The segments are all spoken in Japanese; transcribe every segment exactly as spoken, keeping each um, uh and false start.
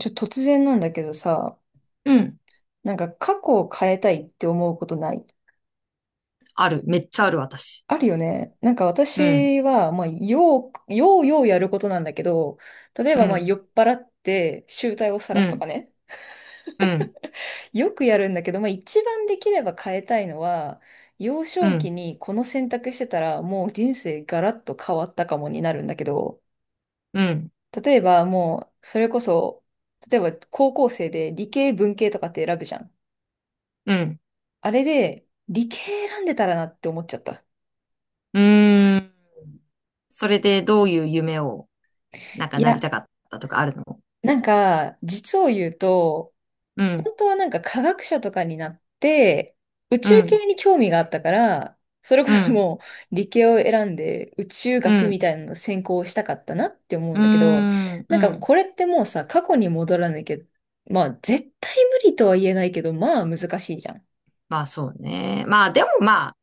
ちょ、突然なんだけどさ、うん。なんか過去を変えたいって思うことない？ある。めっちゃある、私。あるよね。なんかうん。私は、まあ、よう、ようようやることなんだけど、例えうばまあ、酔ん。っ払って醜態をう晒すとかん。ね。うん。よくやるんだけど、まあ、一番できれば変えたいのは、幼う少期ん。にこの選択してたら、もう人生ガラッと変わったかもになるんだけど、うん。例えばもう、それこそ、例えば高校生で理系文系とかって選ぶじゃん。うん。あれで、理系選んでたらなって思っちゃった。うーん。それでどういう夢を、なんかいなりや、たかったとかあるの？なんか、実を言うと、うん。本当はなんか科学者とかになって、宇う宙ん。系に興味があったから、それこうそん。もう理系を選んで宇宙う学みん。たいなの専攻をしたかったなって思ううんーだけど、ん。なうんかん。これってもうさ、過去に戻らなきゃ、まあ絶対無理とは言えないけど、まあ難しいじゃん。まあそうね。まあでもまあ、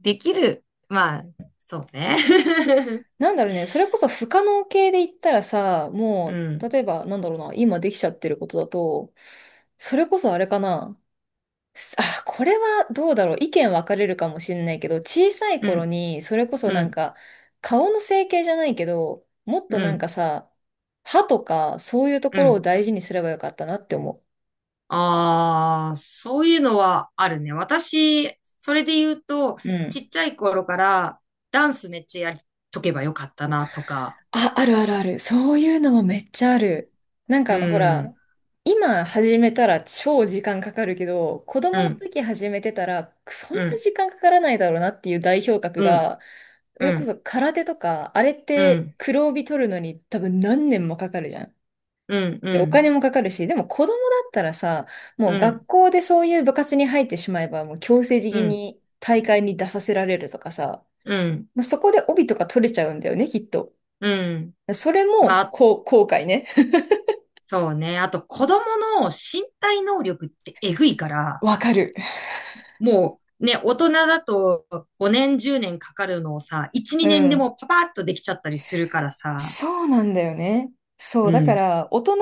できる。まあ、そうね。なんだろうね、それこそ不可能系で言ったらさ、うもう、ん。例えば、なんだろうな、今できちゃってることだと、それこそあれかな。すあ、これはどうだろう。意見分かれるかもしれないけど、小さいう頃ん。に、それこそうなんん。か、顔の整形じゃないけど、もっうとなんん。かさ、歯とか、そういうとうころをん。大事にすればよかったなって思ああ、そういうのはあるね。私、それで言うと、う。うちん。っちゃい頃からダンスめっちゃやりとけばよかったなとか、あ、あるあるある。そういうのもめっちゃある。なんかうあの、ほら、ん、今始めたら超時間かかるけど、子う供のん、時始めてたら、そんうなん、時間かからないだろうなっていう代表格うん、が、それうこん、そ空手とか、あれっうてん、黒帯取るのに多分何年もかかるじゃん。うん、うで、おん、金もかかるし、でも子供だったらさ、もううん、学校でそういう部活に入ってしまえば、もう強制う的ん、に大会に出させられるとかさ、うん、もうそこで帯とか取れちゃうんだよね、きっと。うん。それまも、あ、こう、後悔ね。そうね。あと、子供の身体能力ってえぐいから、わかる。もうね、大人だとごねん、じゅうねんかかるのをさ、いち、うにねんでん。もパパッとできちゃったりするからさ、そうなんだよね。そう。うだかん。ら、大人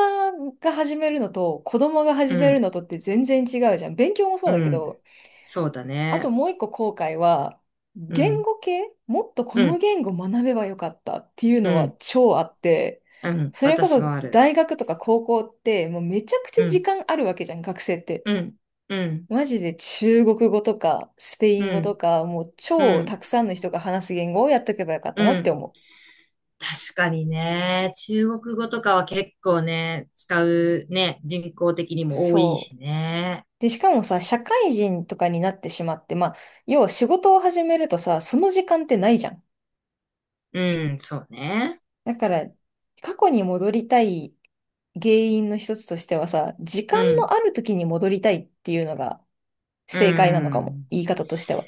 が始めるのと、子供が始うめるんのとって全然違うじゃん。勉強もそうだうけん。ど、そうだあとね。もう一個後悔は、う言ん。語系もっとこうのん。言語学べばよかったっていううのはん。超あって、うん。それこ私もそある。大学とか高校ってもうめちゃくちうゃ時ん。間あるわけじゃん、学生って。うん。うん。マジで中国語とかスペイうン語とん。か、もうう超ん。たくさんの人が話す言語をやっとけばよかったうなってん。思う。確かにね。中国語とかは結構ね、使うね、人口的にも多いそう。しね。で、しかもさ、社会人とかになってしまって、まあ、要は仕事を始めるとさ、その時間ってないじゃん。うん。そうね。だから、過去に戻りたい原因の一つとしてはさ、時間うのん。ある時に戻りたいっていうのがう正解なのかも。ん。言い方としては。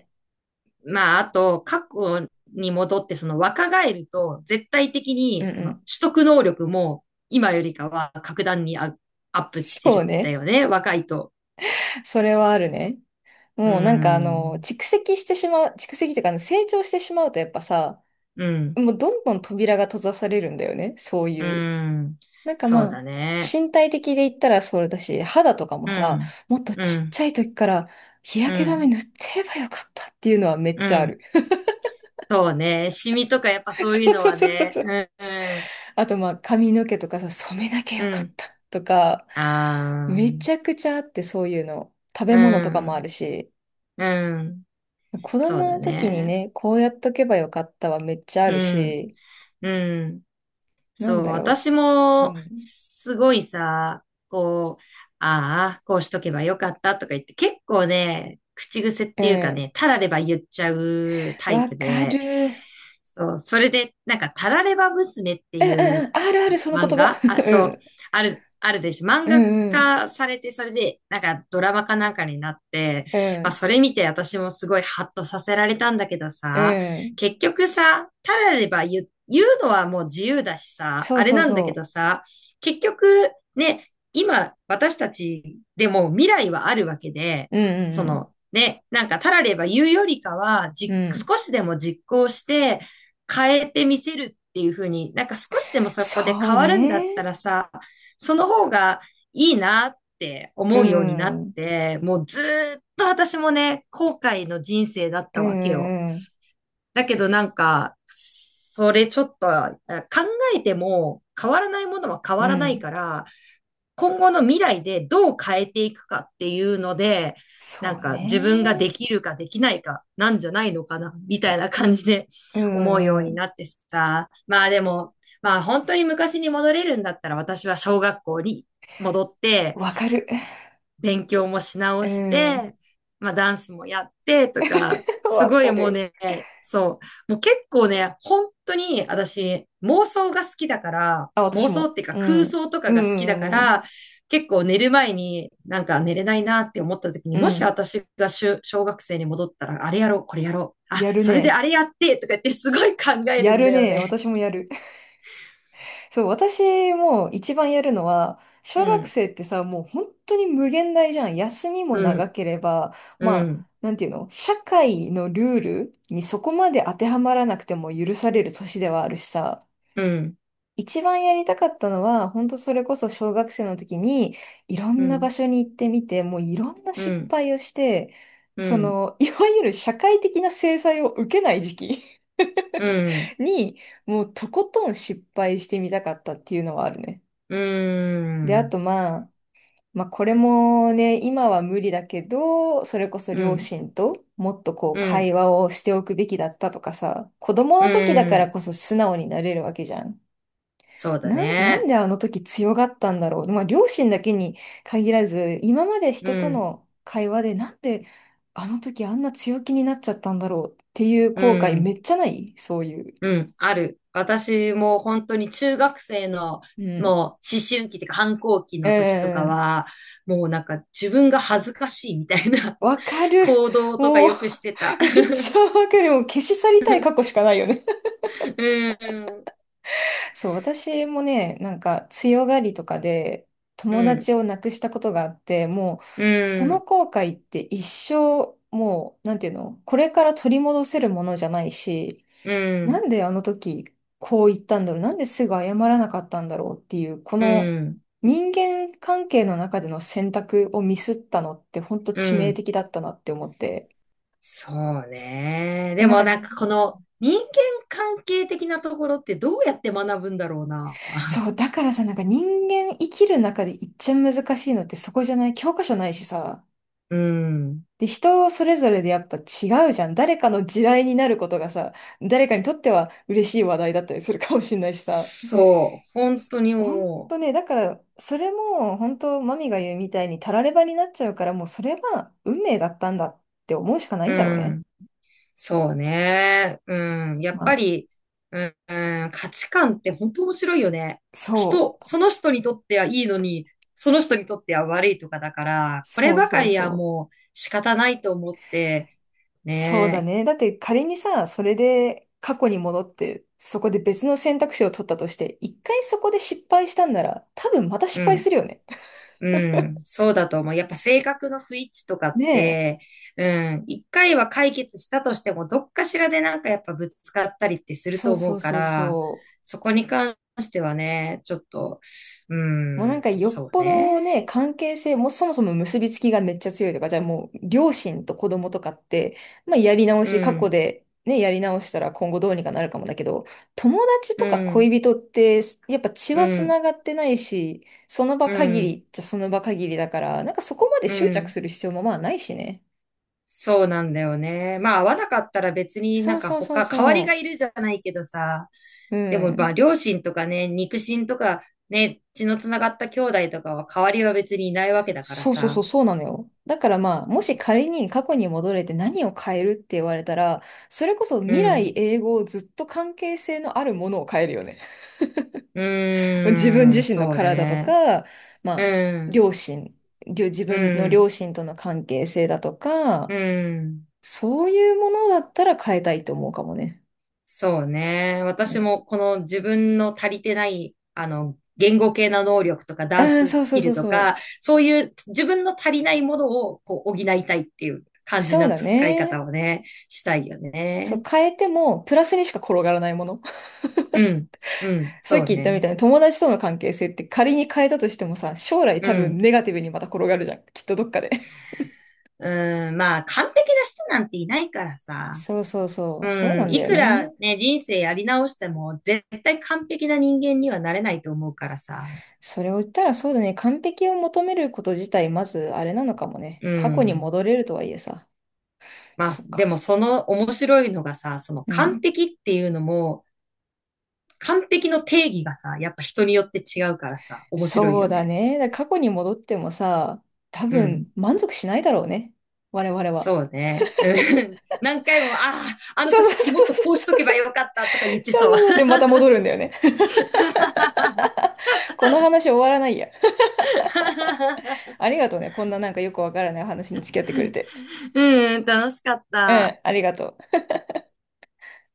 まあ、あと、過去に戻って、その若返ると、絶対的うに、んうその取ん。得能力も、今よりかは格段にアアップしてそうるんだね。よね、若いと。それはあるね。うーもうなんかあの、ん、蓄積してしまう、蓄積というかあの成長してしまうとやっぱさ、うん、もうどんどん扉が閉ざされるんだよね、そううーいう。ん、なんかそうまだあ、ね。身体的で言ったらそうだし、肌とかもうさ、ん、もっとうちっん、ちゃい時から日う焼け止めん、塗ってればよかったっていうのはめっうちゃあん。る。そうね、シミとかやっぱ そういうそうのそはうそうそうね、そうう。ん、うん、あとまあ、髪の毛とかさ、染めなきゃようかっん。たとか、あめー、ちゃくちゃあってそういうの。食うべ物とかもあん、るし。うん、子そう供だの時にね。ね、こうやっとけばよかったはめっちゃあうるん、し、うん。なんそう、だろ私う。うも、ん。すごいさ、こう、ああ、こうしとけばよかったとか言って、結構ね、口癖っうていうかん。ね、たられば言っちゃうタイわプかで、る。うそう、それで、なんか、たられば娘ってんういんううん。あるある、その言漫葉。画あ、そう、ある、あるでしょ。漫うん。画うんうん。化されて、それで、なんか、ドラマかなんかになって、うまあ、ん。それ見て私もすごいハッとさせられたんだけどうさ、ん。結局さ、たられば言う、言うのはもう自由だしさ、そうあれそうなんだけそどさ、結局ね、今私たちでも未来はあるわけで、う。うそんうんのね、なんかたられば言うよりかは、うん。じ、うん。少しでも実行して変えてみせるっていうふうに、なんか少しでもそこでそ変うわるんだったね。らさ、その方がいいなってう思うようになん。っうんて、もうずーっと私もね、後悔の人生だっうたわけよ。んうん。だけどなんか、それちょっとあ考えても変わらないものは変うわらないん。から、今後の未来でどう変えていくかっていうので、そなんうか自分がでね。きるかできないかなんじゃないのかな、みたいな感じで う 思うようんうにん。なってさ。まあでも、まあ本当に昔に戻れるんだったら私は小学校に戻って、わかる。勉強もし直うしん。て、まあダンスもやってとか、すわごかいもうる。ね、そう、もう結構ね、本当に私妄想が好きだから、あ、私妄想っも。ていうかう空ん。想とうんうかが好きだかんうんら、結構寝る前になんか寝れないなって思った時に、うもん。しうん。私が小小学生に戻ったら、あれやろう、これやろう、あ、やるそれでね。あれやってとか言ってすごい考えるやんるだよね。ね。私もやる。そう、私も一番やるのは、小う学ん、生ってさ、もう本当に無限大じゃん。休みもう長ん、ければ、うまあ、ん、なんていうの、社会のルールにそこまで当てはまらなくても許される年ではあるしさ、うん、一番やりたかったのは、本当それこそ小学生の時に、いろうんな場ん、所に行ってみて、もういろんなう失ん、敗をして、うそん、の、いわゆる社会的な制裁を受けない時期うん、に、もうとことん失敗してみたかったっていうのはあるね。うで、あとん。まあ、まあこれもね、今は無理だけど、それこそう両ん、親ともっとこううん、会話をしておくべきだったとかさ、子供うの時だからん。こそ素直になれるわけじゃん。そうだなん、なんね。であの時強がったんだろう。まあ両親だけに限らず、今までう人とん、の会話でなんであの時あんな強気になっちゃったんだろうっていうう後悔めん、っちゃないそういう。うん、ある。私も本当に中学生のうもうん。思春期というか反抗期うんの時とうんかうんん。は、もうなんか自分が恥ずかしいみたいな わか る。行動とかもう よくしてた。め っちゃわかる。もう消し去りたいう過去しかないよね。ん、そう、私もね、なんか強がりとかでう友ん、達を亡くしたことがあって、もううそん、うのん、後悔って一生、もう、なんていうの、これから取り戻せるものじゃないし、なんであの時こう言ったんだろう、なんですぐ謝らなかったんだろうっていう、こうのん、人間関係の中での選択をミスったのって本当う致命ん。的だったなって思って。そうね。そう、でなんもかなんね、かこの人間関係的なところってどうやって学ぶんだろうな。そう、だからさ、なんか人間生きる中で一番難しいのってそこじゃない？教科書ないしさ。うん。で、人それぞれでやっぱ違うじゃん。誰かの地雷になることがさ、誰かにとっては嬉しい話題だったりするかもしれないしさ。そう。本当にほん思とね、だから、それも本当マミが言うみたいにたらればになっちゃうから、もうそれは運命だったんだって思うしかなう。いんだろううね。ん。そうね。うん。やっまぱあ、り、うん、うん、価値観って本当面白いよね。そ人、う、その人にとってはいいのに、その人にとっては悪いとかだから、これそうばかそうりはそう。もう仕方ないと思って、そうだね。ね。だって仮にさ、それで過去に戻って、そこで別の選択肢を取ったとして、一回そこで失敗したんなら、多分またう失敗すん。るよね。うん、そうだと思う。やっぱ性格の不一致とかっねえ。て、うん、一回は解決したとしても、どっかしらでなんかやっぱぶつかったりってするそとう思そううかそうら、そう。そこに関してはね、ちょっと、うもうなんん、かよっそうぽね。どね、関係性もうそもそも結びつきがめっちゃ強いとか、じゃあもう両親と子供とかって、まあやり直うし、過去ん、でね、やり直したら今後どうにかなるかもだけど、友達うとかん、恋人って、やっぱ血うはん、繋がってないし、その場う限ん、りじゃその場限りだから、なんかそこまでう執着ん。する必要もまあないしね。そうなんだよね。まあ、合わなかったら別になそんうかそうそう他、代わりがそいるじゃないけどさ、う。うでもまあ、ん。両親とかね、肉親とか、ね、血のつながった兄弟とかは代わりは別にいないわけだからそうそうそう、さ。そうなのよ。だからまあ、もし仮に過去に戻れて何を変えるって言われたら、それこそう未来ん。永劫ずっと関係性のあるものを変えるよね。う 自分ー自ん、身のそう体とね。か、まあ、うん、両親、りょ自う分のん、両親との関係性だとうか、ん。そういうものだったら変えたいと思うかもね。そうね。う私ん。もこの自分の足りてない、あの、言語系の能力とかあダンあ、スそうスそうキそルうとそう。か、そういう自分の足りないものをこう補いたいっていう感じそうなだ使い方ね。をね、したいよそね。う、変えてもプラスにしか転がらないもの。うん、うん、さっそきう言ったみたね。いに友達との関係性って仮に変えたとしてもさ、将来う多分ん、ネガティブにまた転がるじゃん。きっとどっかで。うん、まあ完璧な人なんていないからさ。そうそうそう、うそうなん、んだいよくらね。ね、人生やり直しても絶対完璧な人間にはなれないと思うからさ。それを言ったらそうだね、完璧を求めること自体まずあれなのかもね。う過去にん。戻れるとはいえさ。まあ、そっでもか。その面白いのがさ、そのう完ん。璧っていうのも、完璧の定義がさ、やっぱ人によって違うからさ、面白いそうよだね。ね。だから過去に戻ってもさ、多うん。分満足しないだろうね。我々は。そうね。うん、 何回も、ああ、あのそうそう時そうもそうっとこうしとそうけそばう。よかったとか言ってそうそう。そうそう。で、また戻るんだよね。この話終わらないや。ありがとうね。こんななんかよくわからない話に付き合ってくれて。うん、楽しかっうた。ん、ありがとう。